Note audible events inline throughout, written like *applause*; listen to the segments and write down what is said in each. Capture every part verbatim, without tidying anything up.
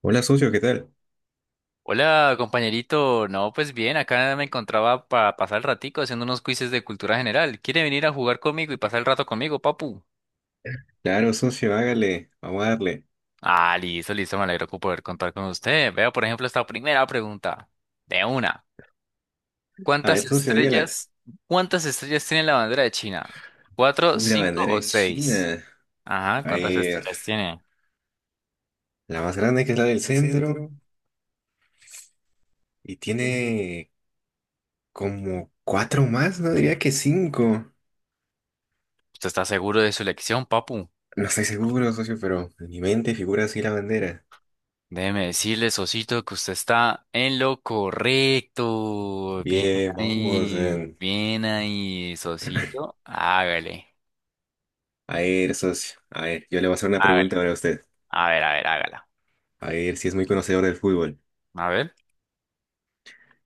Hola, socio, ¿qué tal? Hola, compañerito. No, pues bien, acá me encontraba para pasar el ratico haciendo unos quizzes de cultura general. ¿Quiere venir a jugar conmigo y pasar el rato conmigo, papu? Claro, socio, hágale, vamos a darle. Ah, listo, listo, me alegro con poder contar con usted. Vea, por ejemplo, esta primera pregunta. De una. A ¿Cuántas ver, socio, dígala. estrellas, cuántas estrellas tiene la bandera de China? ¿Cuatro, Uy, la cinco bandera o de seis? China. Ajá, A ¿cuántas ver, estrellas tiene? la más grande que es la del El centro centro y tiene. tiene como cuatro más, no diría que cinco. ¿Usted está seguro de su elección, papu? No estoy seguro, socio, pero en mi mente figura así la bandera. Déjeme decirle, Osito, que usted está en lo correcto. Bien Bien, vamos. ahí, eh. bien ahí, Sosito. Hágale, A ver, socio, a ver, yo le voy a hacer una pregunta hágale. para usted. A ver, a ver, hágala. A ver si es muy conocedor del fútbol. A ver.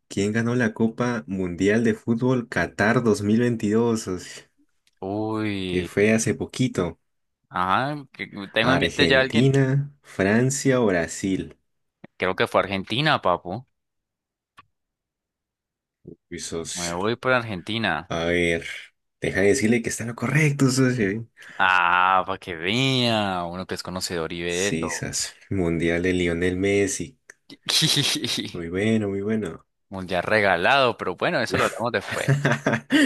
¿Quién ganó la Copa Mundial de Fútbol Qatar dos mil veintidós, socio? Que Uy, fue hace poquito. ajá, que- tengo en mente ya alguien. Argentina, Francia o Brasil. Creo que fue Argentina, papu. Mi Me socio. voy por Argentina. A ver, deja de decirle que está en lo correcto, socio. Ah, para que vea, uno que es conocedor y ve Sí, eso. sas. Mundial de Lionel Messi. *laughs* Muy bueno, muy bueno. Mundial regalado, pero bueno, eso No. lo hablamos después. *laughs*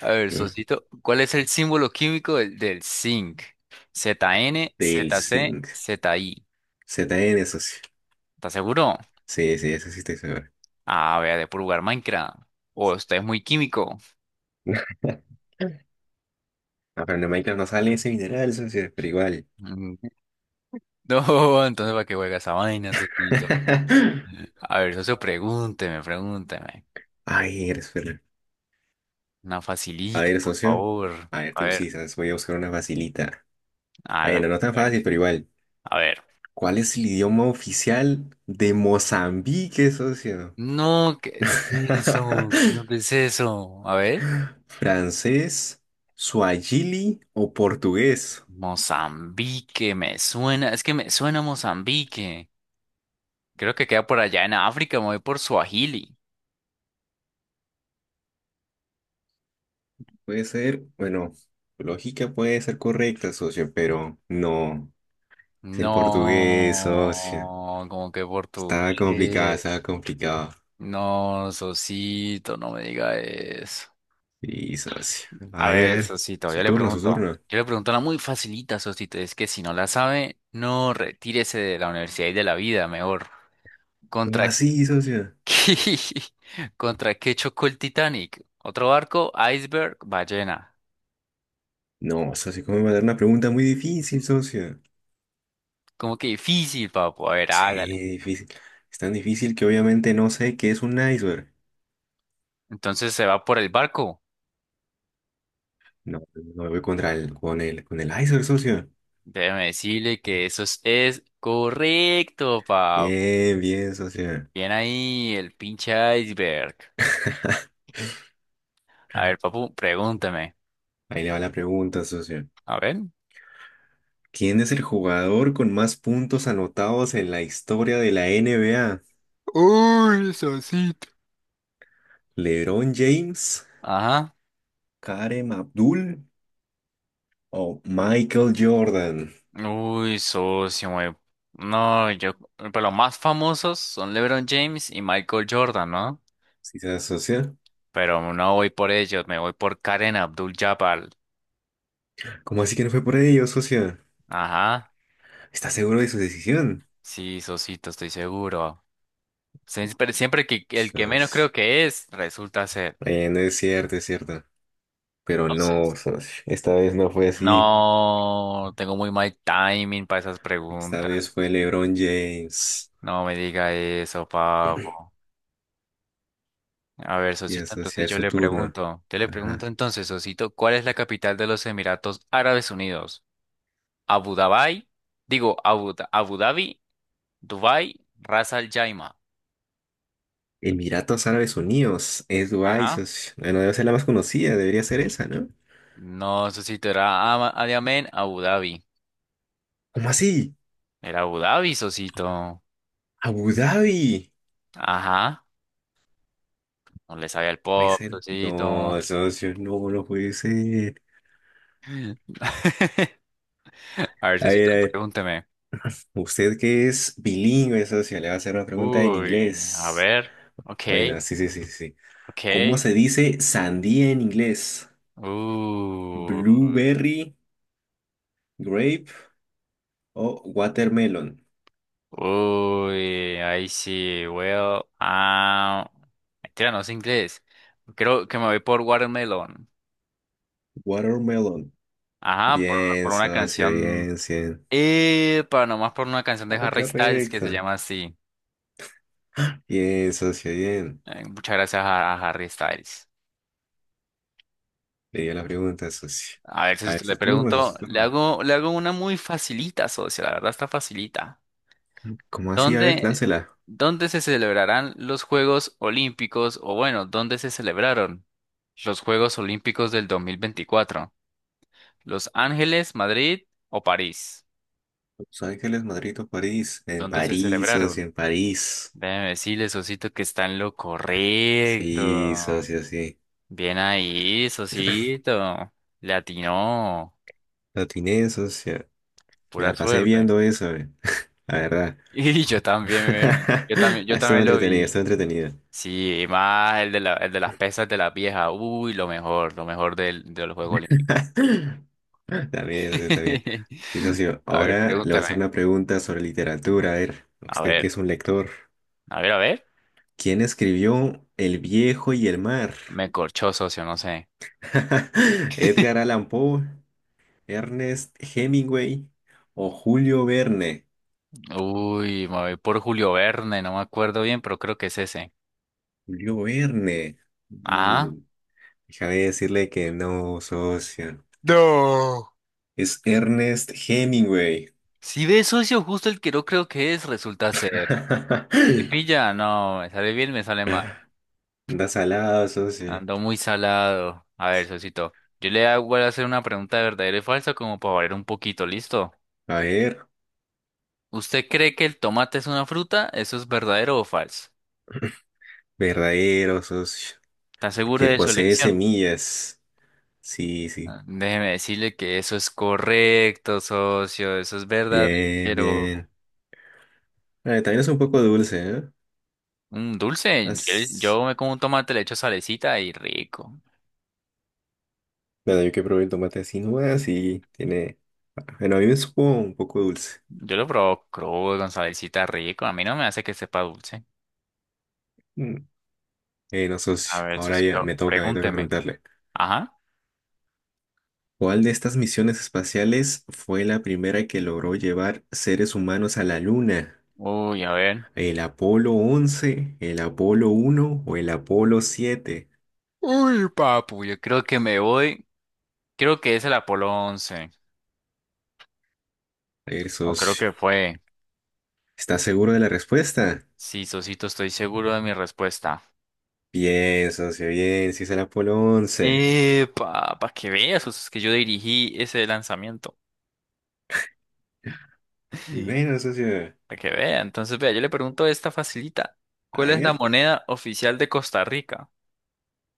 A ver, Sosito, ¿cuál es el símbolo químico del, del zinc? Z N, Del Z C, Zinc. Z I. Z N, socio. ¿Estás seguro? Sí, sí, eso sí estoy seguro. Ah, vea, de puro jugar Minecraft. O usted es muy químico. *laughs* Ah, pero en Minecraft no sale ese mineral, socio, pero igual. Mm. *laughs* No, entonces ¿para qué juega esa vaina, Sosito? *laughs* A ver, socio, pregúnteme, pregúnteme. Ay, eres ver. Una A facilita, ver, por socio. favor. A ver, A te ver, usas, voy a buscar una facilita. hágale, Bueno, no tan hágale. fácil, pero igual. A ver. ¿Cuál es el idioma oficial de Mozambique, socio? No, ¿qué es eso? ¿Qué no *laughs* es eso? A ver. ¿Francés, suajili o portugués? Mozambique, me suena. Es que me suena Mozambique. Creo que queda por allá en África, me voy por Swahili. Puede ser, bueno, tu lógica puede ser correcta, socio, pero no. Es el portugués, socio. No, como que Estaba complicado, portugués. estaba complicado. No, Sosito, no me diga eso. Sí, socio. A A ver, a ver, ver. Sosito, Su yo le turno, su pregunto. turno. Yo le pregunto una muy facilita, Sosito. Es que si no la sabe, no retírese de la universidad y de la vida, mejor. ¿Cómo ¿Contra así, socio? qué? *laughs* ¿Contra qué chocó el Titanic? ¿Otro barco? ¿Iceberg? ¿Ballena? No, socio, ¿cómo me va a dar una pregunta muy difícil, socio? Como que difícil, papo. A ver, Sí, hágale. difícil. Es tan difícil que obviamente no sé qué es un iceberg. Entonces se va por el barco. No, no me voy contra el, con el, con el iceberg, socio. Déjeme decirle que eso es, es correcto, papu. Bien, bien, socio. Bien ahí el pinche iceberg. A ver, papu, pregúntame. Ahí le va la pregunta, socio. A ver. ¿Quién es el jugador con más puntos anotados en la historia de la N B A? Uy, Sosito. ¿LeBron James, Ajá. Kareem Abdul o Michael Jordan? Uy, socio, güey. No, yo. Pero los más famosos son LeBron James y Michael Jordan, ¿no? ¿Sí se asocia? Pero no voy por ellos, me voy por Karen Abdul-Jabbar. ¿Cómo así que no fue por ello, socio? Ajá. ¿Está seguro de su decisión? Sí, socito, estoy seguro. Siempre, siempre que el que menos Sos- creo que es, resulta ser. Eh, no es cierto, es cierto. Pero no, Entonces. socio, *laughs* esta vez no fue así. No, tengo muy mal timing para esas Esta preguntas. vez fue LeBron James. No me diga eso, Pablo. A ver, Y Sosito, entonces asociar yo su le turno. pregunto. Yo le pregunto Ajá. entonces, Sosito, ¿cuál es la capital de los Emiratos Árabes Unidos? Abu Dhabi, digo, Abu, Da- Abu Dhabi, Dubai, Ras Al Jaima. Emiratos Árabes Unidos. Es Dubái, Ajá. socio. Bueno, debe ser la más conocida, debería ser esa, ¿no? No, Sosito, era Ama- Adiamén, Abu Dhabi. ¿Cómo así? Era Abu Dhabi, Sosito. Abu Dhabi. Ajá. No le sabía el Puede pop, ser. Sosito. No, socio, no, no puede ser. A ver, A ver, a Sosito, ver. pregúnteme. Usted que es bilingüe, socio, le va a hacer una pregunta en Uy, a inglés. ver. Ok, Bueno, sí, sí, sí, sí. sí. ¿Cómo ok. se dice sandía en inglés? Uy, Blueberry. Grape. Oh, watermelon. uy, ahí sí, well, ah, mentira, no sé inglés. Creo que me voy por Watermelon. Watermelon. Ajá, por, Bien, por una socio, canción. bien, bien. Eh, para nomás por una canción de Era Harry Styles que se correcto. llama así. Bien, socio, bien. Eh, muchas gracias a, a Harry Styles. Leí la pregunta, socio. A ver A ver, si le su turno, socio, pregunto, su le turno. hago, le hago una muy facilita, socio, la verdad está facilita. ¿Cómo así? A ver, ¿Dónde, láncela. dónde se celebrarán los Juegos Olímpicos? O bueno, ¿dónde se celebraron los Juegos Olímpicos del dos mil veinticuatro? ¿Los Ángeles, Madrid o París? Los Ángeles, Madrid o París. En ¿Dónde se París, socio, celebraron? en París. Déjeme decirle, Sosito, que está en lo Sí, correcto. socio, sí. Bien ahí, Sosito. Le atinó. Lo atiné, socio. Me Pura la pasé suerte. viendo eso, eh, *laughs* la verdad. *laughs* Y yo también, yo *laughs* también, yo Estuvo también lo entretenido, vi. estuvo entretenido. Sí, y más el de la, el de las pesas de la vieja. Uy, lo mejor, lo mejor del, de los Juegos Olímpicos. *laughs* También, socio, también. Y *laughs* socio, A ver, ahora le voy a hacer pregúntame. una pregunta sobre literatura. A ver, A usted que ver, es un lector, a ver, a ver. ¿quién escribió El viejo y el mar? Me corchó, socio, no sé. *laughs* ¿Edgar *laughs* Allan Poe, Ernest Hemingway o Julio Verne? Uy, me voy por Julio Verne, no me acuerdo bien, pero creo que es ese. Julio Verne. Ah. Mm, déjame decirle que no, socio. No. Es Ernest Hemingway. Si ve, socio, justo el que no creo que es, resulta ser. ¿Te *laughs* pilla? No, me sale bien, me sale mal. Anda salado, socio. Ando muy salado. A ver, Sosito. Yo le hago- voy a hacer una pregunta de verdadero y falso como para variar un poquito, ¿listo? A ver. ¿Usted cree que el tomate es una fruta? ¿Eso es verdadero o falso? Verdadero, socio. ¿Está seguro Porque de su posee elección? semillas. Sí, sí. Ah, déjeme decirle que eso es correcto, socio. Eso es Bien, verdadero. bien. Ah, también es un poco dulce, ¿eh? Un dulce. Yo, As- yo me como un tomate, le echo salecita y rico. Bueno, yo que probé el tomate así nomás y tiene... Bueno, a mí me supo un poco dulce. Yo lo probo crudo con salecita rico. A mí no me hace que sepa dulce. Mm. Eh, no, A socio. ver, Ahora ya Sosito, me toca, me toca pregúnteme. preguntarle. Ajá. ¿Cuál de estas misiones espaciales fue la primera que logró llevar seres humanos a la Luna? Uy, a ver. ¿El Apolo once, el Apolo uno o el Apolo siete? Uy, papu, yo creo que me voy. Creo que es el Apolo once. A ver, O creo socio. que fue. ¿Estás seguro de la respuesta? Sí, Sosito, estoy seguro de mi respuesta. Bien, socio, bien, sí es el Apolo once. Eh, para que veas, Sos, es que yo dirigí ese lanzamiento. Muy bueno, socio. Para que vea. Entonces, vea, yo le pregunto esta facilita. A ¿Cuál es la ver. moneda oficial de Costa Rica?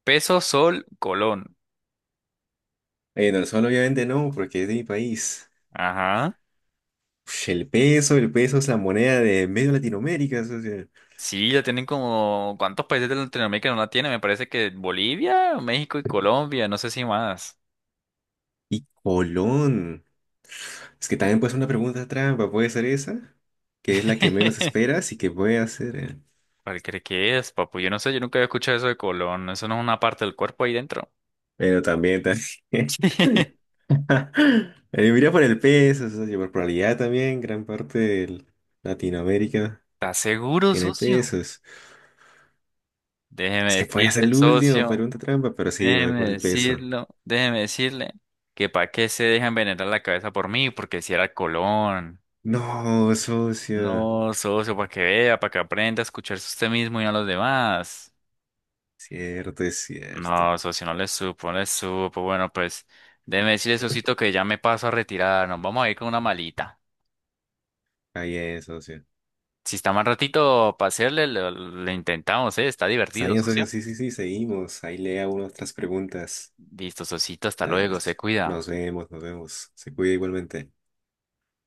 Peso, sol, colón. Eh, no, solo obviamente no, porque es de mi país. Ajá. Ush, el peso, el peso es la moneda de medio Latinoamérica, socio. Sí, la tienen como... ¿Cuántos países de Latinoamérica no la tienen? Me parece que Bolivia, México y Colombia, no sé si más. Y Colón. Es que también puede ser una pregunta trampa, puede ser esa, que es la que menos *laughs* esperas y que puede hacer. eh. ¿Cuál cree que es, papu? Yo no sé, yo nunca había escuchado eso de colon. Eso no es una parte del cuerpo ahí dentro. Pero también, también. *laughs* *laughs* Eh, mira por el peso, socio, por probabilidad también, gran parte de Latinoamérica. ¿Estás seguro, Tiene socio? pesos. Es Déjeme que puede ser decirle, el último, socio. pregunta trampa, pero sí, me voy por Déjeme el peso. decirlo. Déjeme decirle que para qué se deja envenenar la cabeza por mí, porque si era el colon. No, socio. No, socio, para que vea, para que aprenda a escucharse usted mismo y no a los demás. Cierto, es cierto. No, socio, no le supo, no le supo. Bueno, pues déjeme decirle, socito, que ya me paso a retirar. Nos vamos a ir con una malita. Está bien, socio. Si está más ratito para hacerle, lo, lo intentamos, ¿eh? Está Está divertido, bien, socio. socio. Sí, sí, sí, seguimos. Ahí lea unas otras preguntas. Listo, socito, hasta Está bien, luego, se socio. cuida. Nos vemos, nos vemos. Se cuida igualmente.